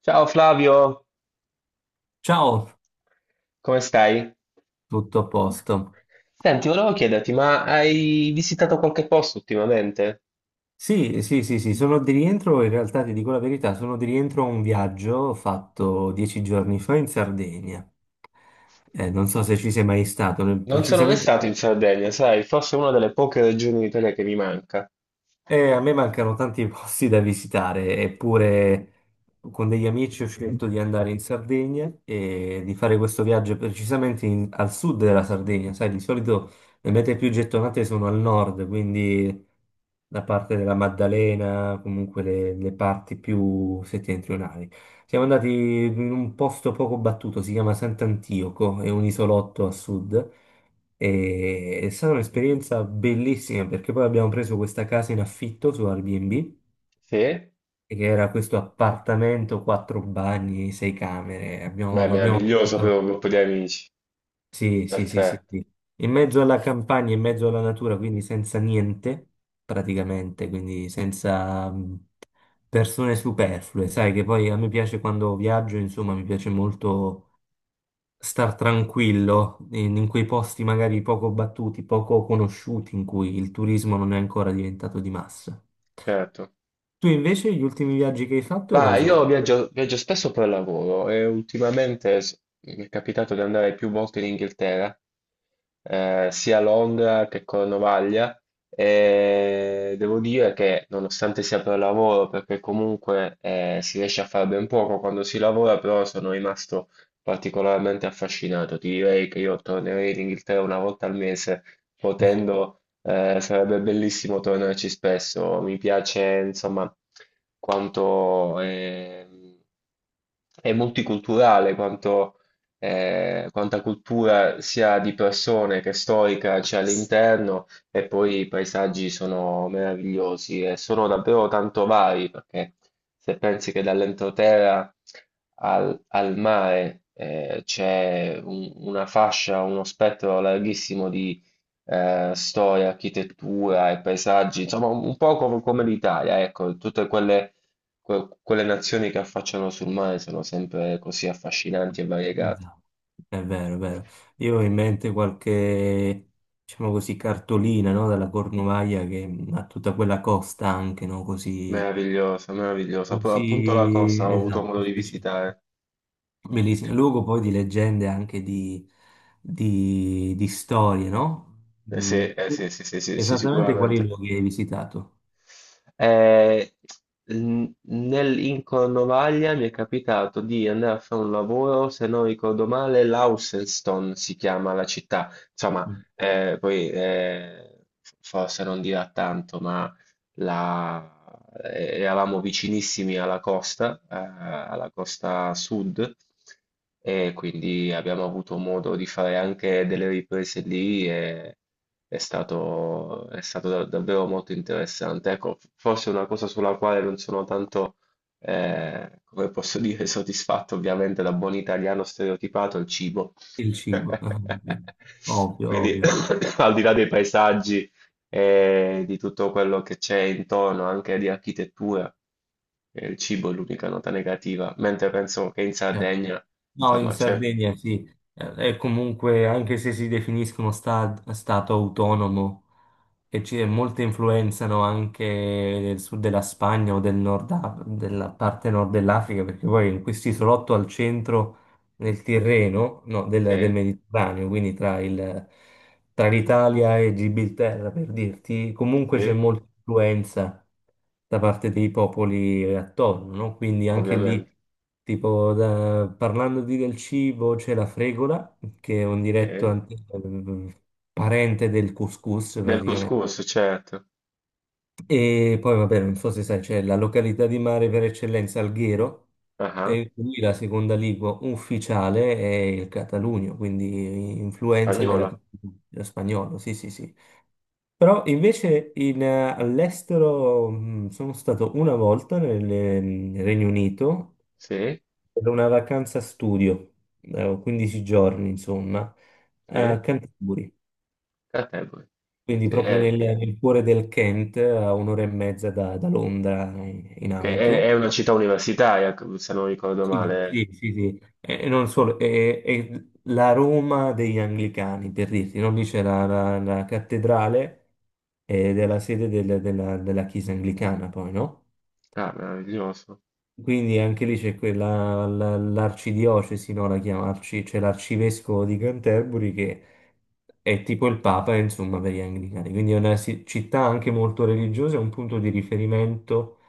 Ciao Flavio, Ciao, come stai? tutto a posto. Senti, volevo chiederti, ma hai visitato qualche posto ultimamente? Sì, sì, sì, sì, sono di rientro, in realtà ti dico la verità, sono di rientro a un viaggio fatto 10 giorni fa in Sardegna. Non so se ci sei mai stato, Non sono mai precisamente. stato in Sardegna, sai, forse è una delle poche regioni d'Italia che mi manca. A me mancano tanti posti da visitare, eppure con degli amici ho scelto di andare in Sardegna e di fare questo viaggio precisamente al sud della Sardegna. Sai, di solito le mete più gettonate sono al nord, quindi la parte della Maddalena, comunque le parti più settentrionali. Siamo andati in un posto poco battuto, si chiama Sant'Antioco, è un isolotto a sud. E è stata un'esperienza bellissima perché poi abbiamo preso questa casa in affitto su Airbnb, Sì? Beh, che era questo appartamento, quattro bagni, sei camere. Lo abbiamo meraviglioso per fatto. un gruppo di amici. Sì, sì, sì, Perfetto, sì, sì. In mezzo alla campagna, in mezzo alla natura, quindi senza niente, praticamente, quindi senza persone superflue. Sai che poi a me piace quando viaggio, insomma, mi piace molto star tranquillo in quei posti magari poco battuti, poco conosciuti, in cui il turismo non è ancora diventato di massa. certo. Tu invece gli ultimi viaggi che hai fatto Ma quali io sono? viaggio spesso per lavoro e ultimamente mi è capitato di andare più volte in Inghilterra, sia a Londra che Cornovaglia, e devo dire che nonostante sia per lavoro, perché comunque si riesce a fare ben poco quando si lavora, però sono rimasto particolarmente affascinato. Ti direi che io tornerei in Inghilterra una volta al mese, potendo, sarebbe bellissimo tornarci spesso. Mi piace, insomma, quanto è, è multiculturale, quanta cultura sia di persone che storica c'è all'interno e poi i paesaggi sono meravigliosi e sono davvero tanto vari, perché se pensi che dall'entroterra al mare c'è una fascia, uno spettro larghissimo di storia, architettura e paesaggi, insomma un po' come l'Italia, ecco, tutte quelle, quelle nazioni che affacciano sul mare sono sempre così affascinanti e variegate. Esatto. È vero, è vero. Io ho in mente qualche, diciamo così, cartolina, no? Dalla Cornovaglia che ha tutta quella costa anche, no? Così, Meravigliosa, meravigliosa. Però appunto la così, costa ho avuto esatto, modo di specifica. visitare. Bellissimo, luogo poi di leggende anche di storie, no? Sì, Mm. eh sì, sì, sì, sì, sì, Esattamente quali sicuramente. luoghi hai visitato? Eh, In Cornovaglia mi è capitato di andare a fare un lavoro, se non ricordo male, Launceston si chiama la città. Insomma, Mm. Poi forse non dirà tanto, ma la- eravamo vicinissimi alla costa sud, e quindi abbiamo avuto modo di fare anche delle riprese lì e è stato davvero molto interessante. Ecco, forse una cosa sulla quale non sono tanto, come posso dire, soddisfatto, ovviamente da buon italiano stereotipato, è il cibo. Il cibo, ovvio, ovvio, Quindi, ovvio. al di là dei paesaggi e di tutto quello che c'è intorno, anche di architettura. Il cibo è l'unica nota negativa, mentre penso che in Certo. Sardegna, No, in insomma, c'è, Sardegna sì. È comunque, anche se si definiscono stato autonomo, che ci, molte influenzano anche del sud della Spagna o del nord, della parte nord dell'Africa, perché poi in questo isolotto al centro del Tirreno, no, del sì, Mediterraneo, quindi tra l'Italia e Gibilterra, per dirti, comunque c'è sì, molta influenza da parte dei popoli attorno, no? Quindi anche lì, ovviamente, tipo, parlando di del cibo, c'è la fregola, che è un diretto sì. Parente del couscous Nel praticamente, couscous, certo, e poi, vabbè, non so se sai, c'è la località di mare per eccellenza Alghero, ah, e quindi la seconda lingua ufficiale è il catalugno, quindi influenza della- Spagnola, dello spagnolo, sì, sì, sì. Però invece all'estero sono stato una volta nel Regno Unito sì, per una vacanza studio, 15 giorni, insomma, sì, a Canterbury. Canterbury, Quindi sì, proprio nel, è, nel cuore del Kent, a un'ora e mezza da Londra in che auto. è una città universitaria, se non ricordo Sì, male, sì, sì, sì. E non solo, e la Roma degli Anglicani, per dirti, non lì c'è la cattedrale ed è la sede della chiesa anglicana, poi, no? ah, meraviglioso. Quindi anche lì c'è l'arcidiocesi, no? C'è l'arcivescovo di Canterbury che è tipo il Papa, insomma, per gli anglicani. Quindi è una città anche molto religiosa, è un punto di riferimento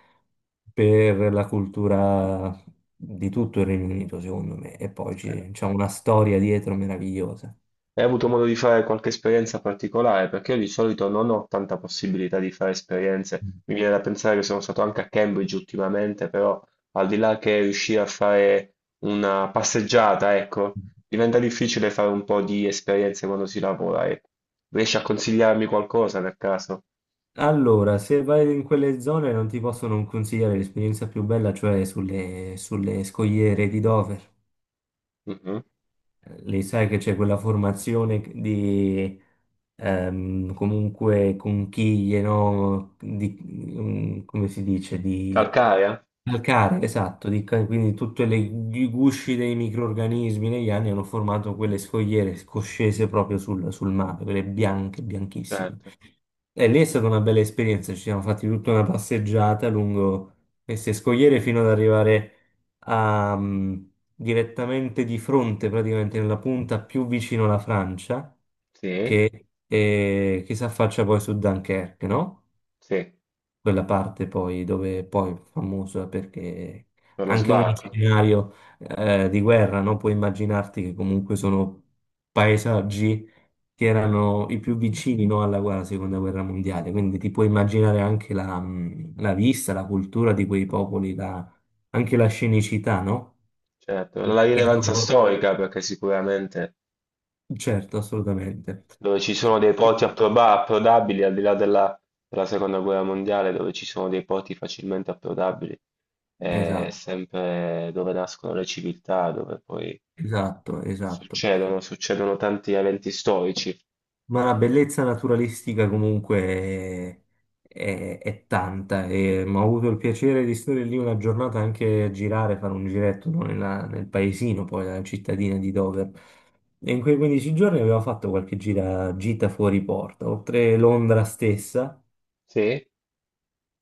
per la cultura di tutto il Regno Unito, secondo me. E poi Eh. C'è una storia dietro meravigliosa. Hai avuto modo di fare qualche esperienza particolare? Perché io di solito non ho tanta possibilità di fare esperienze. Mi viene da pensare che sono stato anche a Cambridge ultimamente, però al di là che riuscire a fare una passeggiata, ecco, diventa difficile fare un po' di esperienze quando si lavora. E riesci a consigliarmi qualcosa per caso? Allora, se vai in quelle zone non ti posso non consigliare l'esperienza più bella, cioè sulle scogliere di Dover. Mhm. Lì sai che c'è quella formazione di comunque conchiglie, no? Come si dice? Di Calcarea? calcare, esatto, quindi tutti i gusci dei microrganismi negli anni hanno formato quelle scogliere scoscese proprio sul mare, quelle bianche, bianchissime. Certo, E lì è stata una bella esperienza, ci siamo fatti tutta una passeggiata lungo queste scogliere fino ad arrivare a, mm, direttamente di fronte, praticamente nella punta più vicino alla Francia sì, che si affaccia poi su Dunkerque, no? sì, Quella parte poi dove poi è famosa perché per lo anche un sbarco, scenario di guerra, no? Puoi immaginarti che comunque sono paesaggi che erano i più vicini, no, alla seconda guerra mondiale, quindi ti puoi immaginare anche la vista, la cultura di quei popoli, anche la scenicità, no? certo. La Che rilevanza sono- storica, perché sicuramente Certo, assolutamente. dove ci sono dei porti approdabili al di là della, della seconda guerra mondiale, dove ci sono dei porti facilmente approdabili, è Esatto, sempre dove nascono le civiltà, dove poi esatto, esatto. Succedono tanti eventi storici. Ma la bellezza naturalistica comunque è tanta e ho avuto il piacere di stare lì una giornata anche a girare, fare un giretto no, nel paesino, poi la cittadina di Dover. E in quei 15 giorni avevo fatto qualche gita fuori porta, oltre Londra stessa, Sì,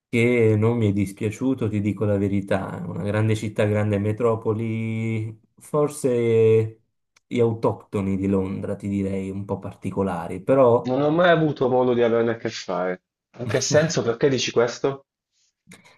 che non mi è dispiaciuto, ti dico la verità, è una grande città, grande metropoli, forse gli autoctoni di Londra, ti direi, un po' particolari, però. non ho mai avuto modo di averne a che fare. In che senso? Perché dici questo?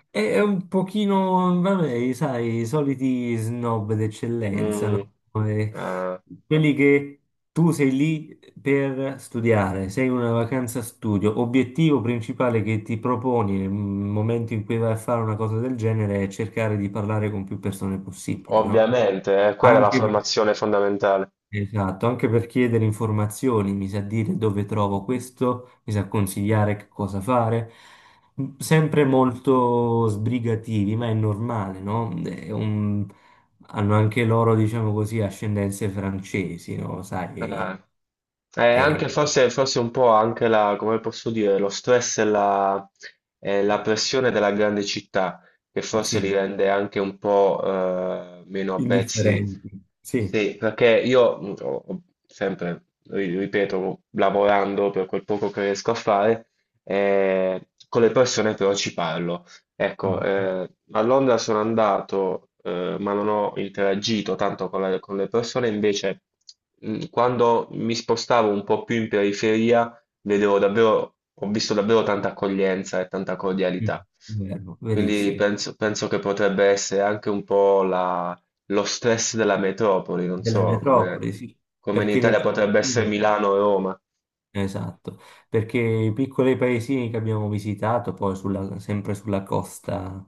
È un pochino, vabbè, sai, i soliti snob d'eccellenza, Mm, no? Come eh, quelli che tu sei lì per studiare, sei in una vacanza studio. Obiettivo principale che ti proponi nel momento in cui vai a fare una cosa del genere è cercare di parlare con più persone possibili, no? ovviamente, quella è la Anche perché formazione fondamentale. Esatto, anche per chiedere informazioni, mi sa dire dove trovo questo, mi sa consigliare che cosa fare. Sempre molto sbrigativi, ma è normale, no? Hanno anche loro, diciamo così, ascendenze francesi, no? Sai, Eh, e- Anche forse un po' anche la, come posso dire, lo stress e la pressione della grande città, che forse li sì, rende anche un po' meno avvezzi. indifferenti, sì. Sì, perché io ho sempre, ripeto, lavorando per quel poco che riesco a fare, con le persone però ci parlo. Ecco, Mm, mm, a Londra sono andato, ma non ho interagito tanto con le persone, invece quando mi spostavo un po' più in periferia, ho visto davvero tanta accoglienza e tanta mm, cordialità. mm. Vero, Quindi verissimo. Penso che potrebbe essere anche un po' lo stress della metropoli, non Della so, come, metropoli, sì, come in perché le Italia potrebbe essere cittadine. Milano o Roma. Esatto, perché i piccoli paesini che abbiamo visitato, poi sempre sulla costa,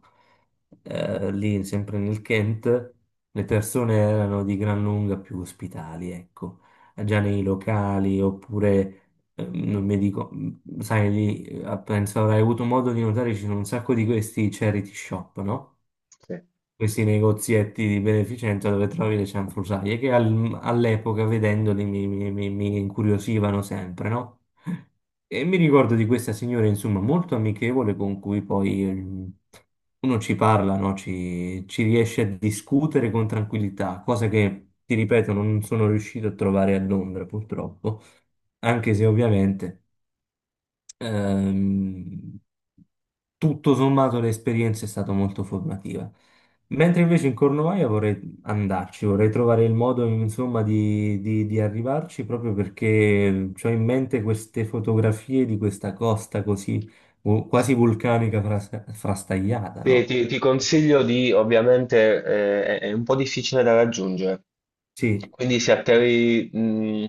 lì sempre nel Kent, le persone erano di gran lunga più ospitali, ecco, già nei locali oppure, non mi dico, sai, lì, penso avrai avuto modo di notare, ci sono un sacco di questi charity shop, no? Questi negozietti di beneficenza dove trovi le cianfrusaglie, che all'epoca vedendoli mi incuriosivano sempre, no? E mi ricordo di questa signora, insomma, molto amichevole con cui poi uno ci parla, no? Ci riesce a discutere con tranquillità, cosa che, ti ripeto, non sono riuscito a trovare a Londra, purtroppo, anche se ovviamente. Ehm, Tutto sommato l'esperienza è stata molto formativa. Mentre invece in Cornovaglia vorrei andarci, vorrei trovare il modo, insomma, di arrivarci proprio perché ho in mente queste fotografie di questa costa così Sì. quasi vulcanica frastagliata, no? Ti consiglio di, ovviamente, è un po' difficile da raggiungere, Sì. quindi se atterri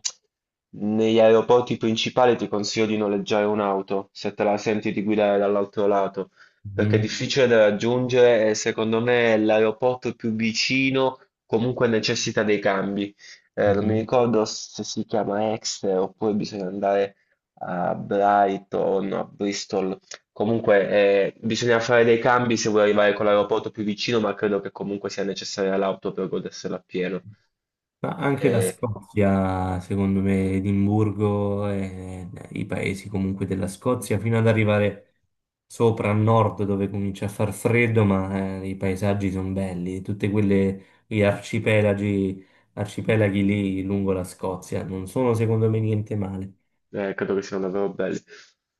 negli aeroporti principali ti consiglio di noleggiare un'auto, se te la senti di guidare dall'altro lato, perché è Mhm, difficile da raggiungere e secondo me l'aeroporto più vicino comunque necessita dei cambi. Non mi mhm. ricordo se si chiama Exeter oppure bisogna andare a Brighton, a Bristol. Comunque, bisogna fare dei cambi se vuoi arrivare con l'aeroporto più vicino, ma credo che comunque sia necessaria l'auto per godersela appieno. Ma anche la Eh, Scozia, secondo me, Edimburgo e i paesi comunque della Scozia, fino ad arrivare sopra a nord dove comincia a far freddo, ma i paesaggi sono belli, tutte quelle gli arcipelaghi lì lungo la Scozia, non sono secondo me niente male. Credo che siano davvero belli.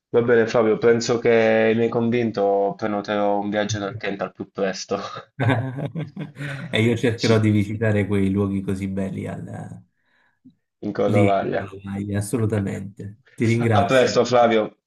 Va bene, Fabio, penso che mi hai convinto, prenoterò un viaggio nel Kent al più presto. E io cercherò Ci- di visitare quei luoghi così belli in lì, Cornovaglia. assolutamente. Ti A ringrazio. presto, Flavio.